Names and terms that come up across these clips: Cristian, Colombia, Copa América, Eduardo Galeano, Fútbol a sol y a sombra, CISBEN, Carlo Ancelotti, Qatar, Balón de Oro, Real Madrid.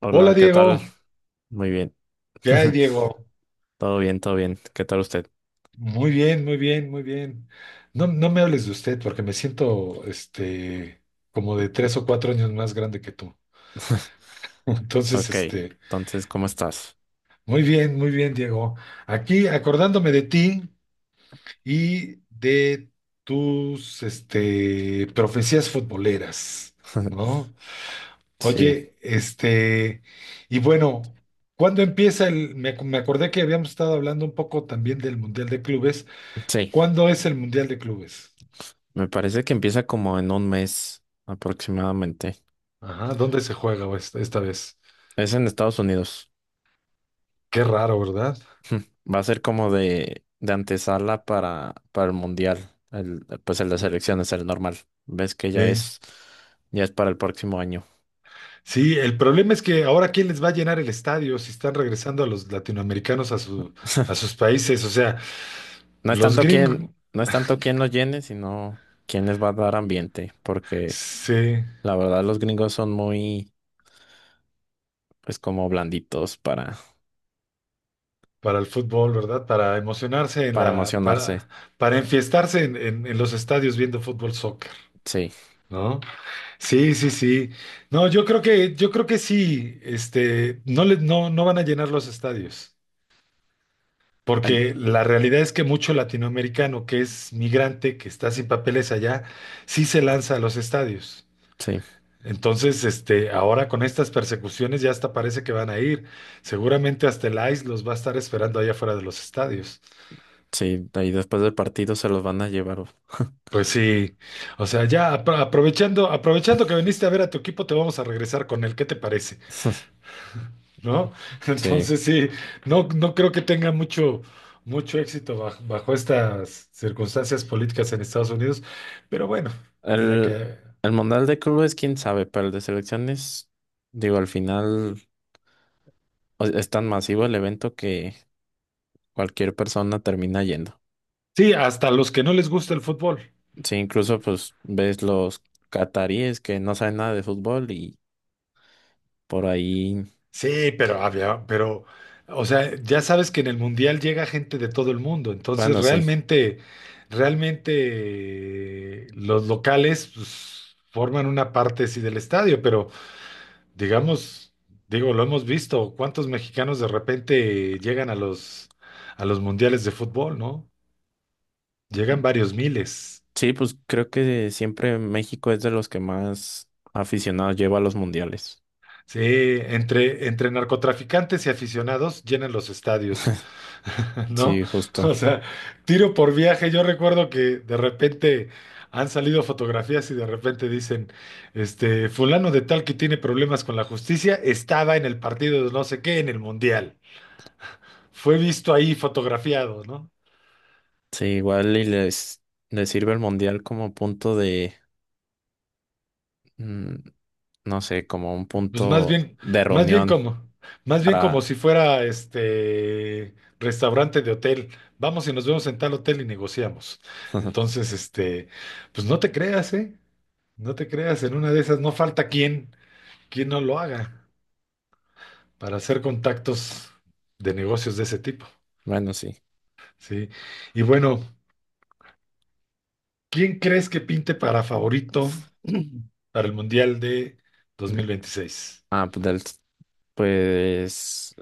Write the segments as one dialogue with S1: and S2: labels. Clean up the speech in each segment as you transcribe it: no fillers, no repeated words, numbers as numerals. S1: Hola,
S2: Hola
S1: ¿qué tal?
S2: Diego,
S1: Muy bien.
S2: ¿qué hay Diego?
S1: Todo bien, todo bien. ¿Qué tal usted?
S2: Muy bien, muy bien, muy bien. No, no me hables de usted porque me siento como de tres o cuatro años más grande que tú. Entonces,
S1: Ok, entonces, ¿cómo estás?
S2: muy bien, Diego. Aquí acordándome de ti y de tus profecías futboleras, ¿no?
S1: Sí,
S2: Oye, y bueno, ¿cuándo empieza me acordé que habíamos estado hablando un poco también del Mundial de Clubes.
S1: sí.
S2: ¿Cuándo es el Mundial de Clubes?
S1: Me parece que empieza como en un mes aproximadamente.
S2: Ajá, ¿dónde se juega esta vez?
S1: Es en Estados Unidos.
S2: Qué raro, ¿verdad?
S1: Va a ser como de antesala para el mundial. El, pues el de selecciones, el normal. Ves que
S2: Sí.
S1: ya es para el próximo año.
S2: Sí, el problema es que ahora quién les va a llenar el estadio si están regresando a los latinoamericanos a a sus países. O sea,
S1: No es
S2: los
S1: tanto
S2: gringos.
S1: quién, no es tanto quién los llene, sino quién les va a dar ambiente, porque
S2: Sí,
S1: la verdad los gringos son muy pues como blanditos
S2: para el fútbol, ¿verdad? Para emocionarse en
S1: para emocionarse.
S2: para enfiestarse en los estadios viendo fútbol soccer,
S1: Sí,
S2: ¿no? Sí, sí, sí. No, yo creo que sí, no le, no, no van a llenar los estadios.
S1: An-
S2: Porque la realidad es que mucho latinoamericano que es migrante, que está sin papeles allá, sí se lanza a los estadios.
S1: sí,
S2: Entonces, ahora con estas persecuciones ya hasta parece que van a ir. Seguramente hasta el ICE los va a estar esperando allá afuera de los estadios.
S1: sí. Y después del partido se los van a llevar. Uf.
S2: Pues sí, o sea, ya aprovechando, aprovechando que viniste a ver a tu equipo, te vamos a regresar con él. ¿Qué te parece? ¿No?
S1: Sí.
S2: Entonces sí, no, no creo que tenga mucho, mucho éxito bajo, bajo estas circunstancias políticas en Estados Unidos, pero bueno, mira
S1: El,
S2: que
S1: el Mundial de Clubes, quién sabe, pero el de selecciones, digo, al final es tan masivo el evento que cualquier persona termina yendo.
S2: sí, hasta los que no les gusta el fútbol.
S1: Sí, incluso pues ves los cataríes que no saben nada de fútbol y por ahí,
S2: Sí, pero había, pero, o sea, ya sabes que en el Mundial llega gente de todo el mundo, entonces
S1: bueno, sí.
S2: realmente, realmente los locales pues, forman una parte sí del estadio, pero digamos, digo, lo hemos visto, cuántos mexicanos de repente llegan a a los mundiales de fútbol, ¿no? Llegan varios miles.
S1: Sí, pues creo que siempre México es de los que más aficionados lleva a los mundiales.
S2: Sí, entre narcotraficantes y aficionados llenan los estadios, ¿no?
S1: Sí, justo.
S2: O sea, tiro por viaje. Yo recuerdo que de repente han salido fotografías y de repente dicen, fulano de tal que tiene problemas con la justicia estaba en el partido de no sé qué en el mundial. Fue visto ahí fotografiado, ¿no?
S1: Sí, igual y les sirve el mundial como punto de, mm, no sé, como un
S2: Pues
S1: punto de
S2: más bien
S1: reunión
S2: como, más bien como
S1: para,
S2: si fuera restaurante de hotel. Vamos y nos vemos en tal hotel y negociamos. Entonces, pues no te creas, ¿eh? No te creas, en una de esas no falta quien, quien no lo haga para hacer contactos de negocios de ese tipo,
S1: bueno, sí.
S2: ¿sí? Y bueno, ¿quién crees que pinte para favorito para el Mundial de
S1: De-
S2: 2026?
S1: Ah, pues, pues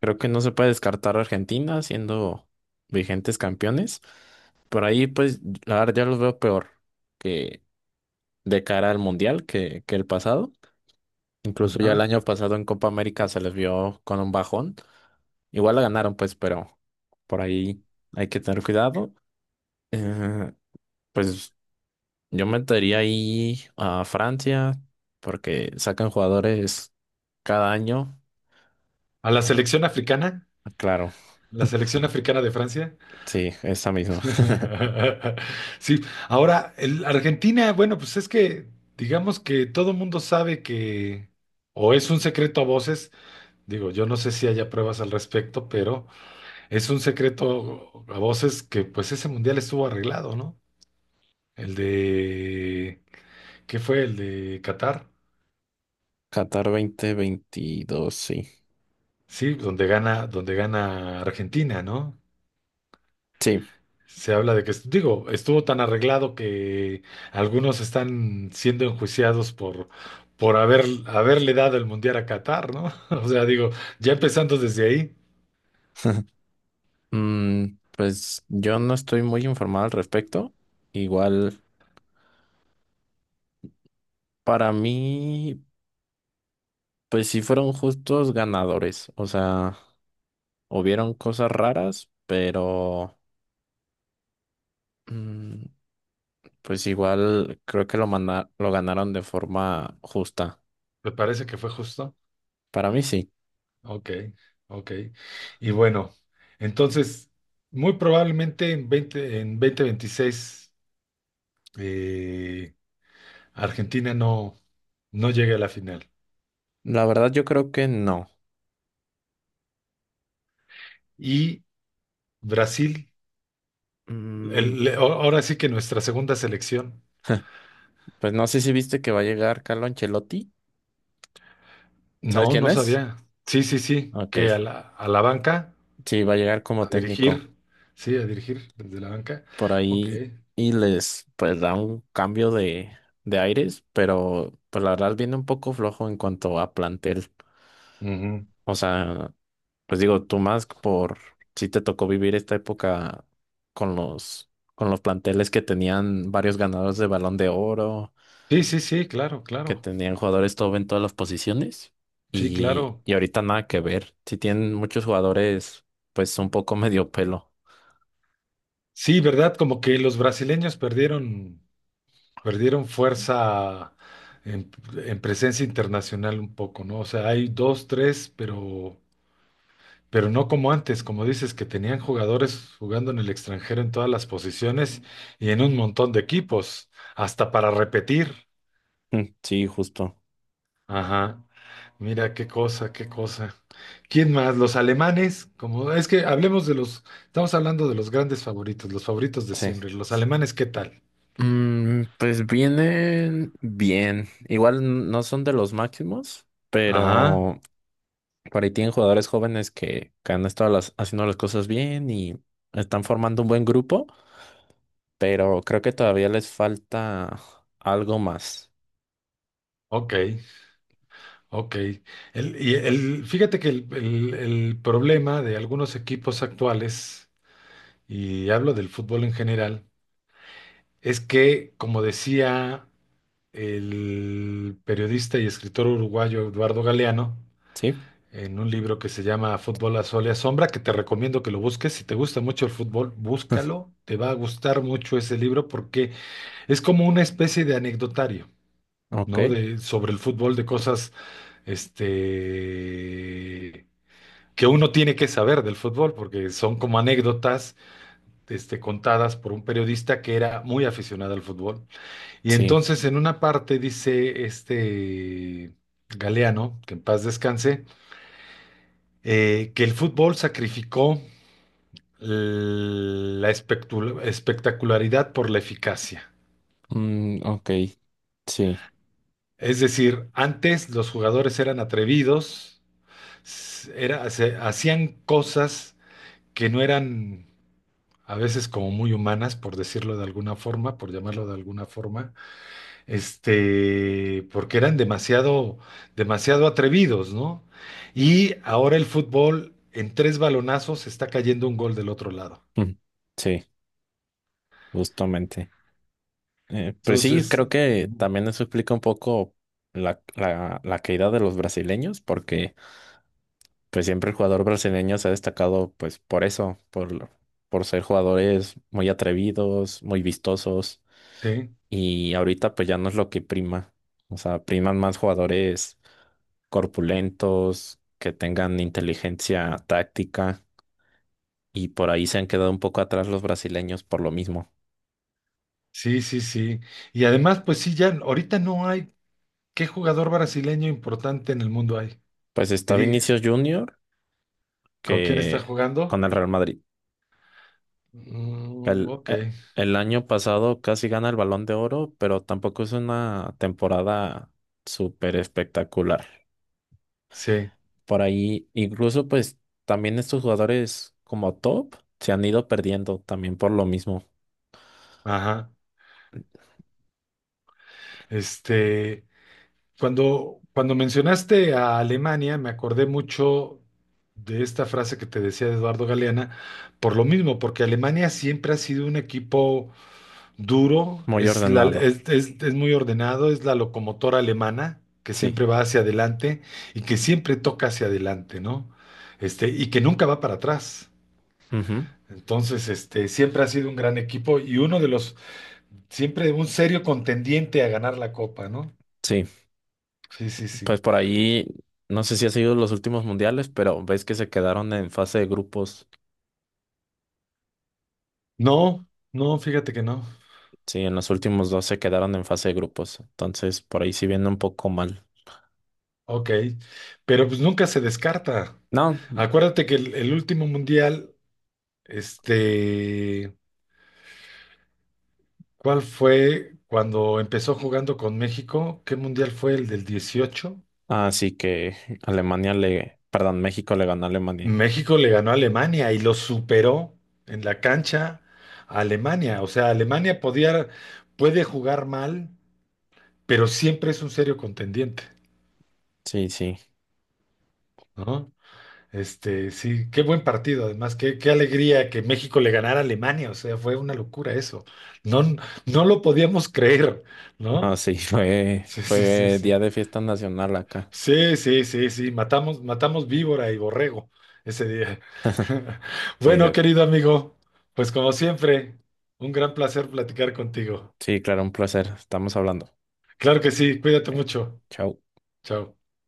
S1: creo que no se puede descartar a Argentina siendo vigentes campeones. Por ahí, pues, la verdad, ya los veo peor que de cara al mundial que el pasado. Incluso ya el
S2: Ajá.
S1: año pasado en Copa América se les vio con un bajón. Igual la ganaron, pues, pero por ahí hay que tener cuidado. Eh, pues yo metería ahí a Francia porque sacan jugadores cada año.
S2: ¿A la
S1: Oh,
S2: selección africana?
S1: claro,
S2: ¿La selección africana de Francia?
S1: sí, esa misma.
S2: Sí, ahora Argentina, bueno, pues es que digamos que todo mundo sabe que, o es un secreto a voces, digo, yo no sé si haya pruebas al respecto, pero es un secreto a voces que pues ese mundial estuvo arreglado, ¿no? El de, ¿qué fue? El de Qatar,
S1: Qatar 2022, sí.
S2: sí, donde gana Argentina, ¿no?
S1: Sí.
S2: Se habla de que, digo, estuvo tan arreglado que algunos están siendo enjuiciados por, haberle dado el mundial a Qatar, ¿no? O sea, digo, ya empezando desde ahí,
S1: Pues yo no estoy muy informado al respecto. Igual para mí. Pues sí fueron justos ganadores, o sea, hubieron cosas raras, pero mm, pues igual creo que lo ganaron de forma justa.
S2: me parece que fue justo.
S1: Para mí sí.
S2: Ok, ok. Y bueno, entonces, muy probablemente en en 2026, eh, Argentina no, no llegue a la final.
S1: La verdad yo creo que no.
S2: Y Brasil,
S1: Mm,
S2: ahora sí que nuestra segunda selección.
S1: pues no sé si viste que va a llegar Carlo Ancelotti. ¿Sabes
S2: No,
S1: quién
S2: no
S1: es?
S2: sabía. Sí, sí, sí,
S1: Ok.
S2: que a a la banca,
S1: Sí, va a llegar
S2: a
S1: como técnico
S2: dirigir, sí, a dirigir desde la banca.
S1: por
S2: Ok.
S1: ahí y les pues da un cambio de aires, pero pues la verdad viene un poco flojo en cuanto a plantel.
S2: Ujú.
S1: O sea, pues digo, tú más por si te tocó vivir esta época con los planteles que tenían varios ganadores de Balón de Oro,
S2: Sí, sí, sí, claro,
S1: que
S2: claro.
S1: tenían jugadores top en todas las posiciones
S2: Sí,
S1: y,
S2: claro.
S1: ahorita nada que ver. Si tienen muchos jugadores, pues un poco medio pelo.
S2: Sí, ¿verdad? Como que los brasileños perdieron, perdieron fuerza en, en presencia internacional un poco, ¿no? O sea, hay dos, tres, pero no como antes, como dices, que tenían jugadores jugando en el extranjero en todas las posiciones y en un montón de equipos, hasta para repetir.
S1: Sí, justo.
S2: Ajá, mira qué cosa, qué cosa. ¿Quién más? Los alemanes, como es que hablemos de los, estamos hablando de los grandes favoritos, los favoritos de
S1: Sí.
S2: siempre. Los alemanes, ¿qué tal?
S1: Pues vienen bien. Igual no son de los máximos,
S2: Ajá,
S1: pero por ahí tienen jugadores jóvenes que han estado haciendo las cosas bien y están formando un buen grupo, pero creo que todavía les falta algo más.
S2: ok, ok. Fíjate que el problema de algunos equipos actuales, y hablo del fútbol en general, es que, como decía el periodista y escritor uruguayo Eduardo Galeano,
S1: ¿Sí?
S2: en un libro que se llama Fútbol a sol y a sombra, que te recomiendo que lo busques. Si te gusta mucho el fútbol, búscalo. Te va a gustar mucho ese libro porque es como una especie de anecdotario,
S1: Ok.
S2: ¿no? De, sobre el fútbol, de cosas, este, que uno tiene que saber del fútbol, porque son como anécdotas, contadas por un periodista que era muy aficionado al fútbol. Y
S1: Sí.
S2: entonces en una parte dice Galeano, que en paz descanse, que el fútbol sacrificó la espectacularidad por la eficacia.
S1: Ok. Sí.
S2: Es decir, antes los jugadores eran atrevidos, hacían cosas que no eran a veces como muy humanas, por decirlo de alguna forma, por llamarlo de alguna forma, porque eran demasiado, demasiado atrevidos, ¿no? Y ahora el fútbol en tres balonazos está cayendo un gol del otro lado.
S1: Mm, sí, justamente. Pues sí,
S2: Entonces,
S1: creo que
S2: ujú.
S1: también eso explica un poco la caída de los brasileños, porque pues siempre el jugador brasileño se ha destacado pues por eso, por ser jugadores muy atrevidos, muy vistosos.
S2: Sí.
S1: Y ahorita pues ya no es lo que prima. O sea, priman más jugadores corpulentos, que tengan inteligencia táctica y por ahí se han quedado un poco atrás los brasileños por lo mismo.
S2: Sí, sí, sí. Y además, pues sí, ya ahorita no hay qué jugador brasileño importante en el mundo hay.
S1: Pues
S2: Que
S1: está
S2: diga,
S1: Vinicius Junior
S2: ¿con quién está
S1: que con
S2: jugando?
S1: el Real Madrid.
S2: Mm,
S1: El,
S2: ok,
S1: eh, el año pasado casi gana el Balón de Oro, pero tampoco es una temporada súper espectacular.
S2: sí,
S1: Por ahí, incluso pues también estos jugadores como top se han ido perdiendo también por lo mismo,
S2: ajá. Este, cuando, cuando mencionaste a Alemania, me acordé mucho de esta frase que te decía de Eduardo Galeana, por lo mismo, porque Alemania siempre ha sido un equipo duro,
S1: muy
S2: es,
S1: ordenado,
S2: es, es muy ordenado, es la locomotora alemana que
S1: sí,
S2: siempre va hacia adelante y que siempre toca hacia adelante, ¿no? Y que nunca va para atrás.
S1: ujú.
S2: Entonces, siempre ha sido un gran equipo y uno de los, siempre un serio contendiente a ganar la copa, ¿no?
S1: Sí,
S2: Sí, sí,
S1: pues
S2: sí.
S1: por ahí, no sé si ha sido los últimos mundiales, pero ves que se quedaron en fase de grupos,
S2: No, no, fíjate que no.
S1: sí, en los últimos dos se quedaron en fase de grupos, entonces por ahí sí viene un poco mal.
S2: Ok, pero pues nunca se descarta.
S1: No,
S2: Acuérdate que el último mundial, este, ¿cuál fue cuando empezó jugando con México? ¿Qué mundial fue el del 18?
S1: así que Alemania le, perdón, México le ganó a Alemania.
S2: México le ganó a Alemania y lo superó en la cancha a Alemania. O sea, Alemania podía, puede jugar mal, pero siempre es un serio contendiente,
S1: Sí, sí.
S2: ¿no? Sí, qué buen partido, además, qué, qué alegría que México le ganara a Alemania, o sea, fue una locura eso. No, no lo podíamos creer,
S1: No,
S2: ¿no?
S1: sí, fue,
S2: Sí, sí, sí,
S1: fue
S2: sí.
S1: día de fiesta nacional acá.
S2: Sí, sí, sí, sí, matamos, matamos víbora y borrego ese día.
S1: Sí,
S2: Bueno,
S1: de-
S2: querido amigo, pues como siempre, un gran placer platicar contigo.
S1: Sí, claro, un placer. Estamos hablando.
S2: Claro que sí, cuídate
S1: Eh,
S2: mucho.
S1: Chao.
S2: Chao.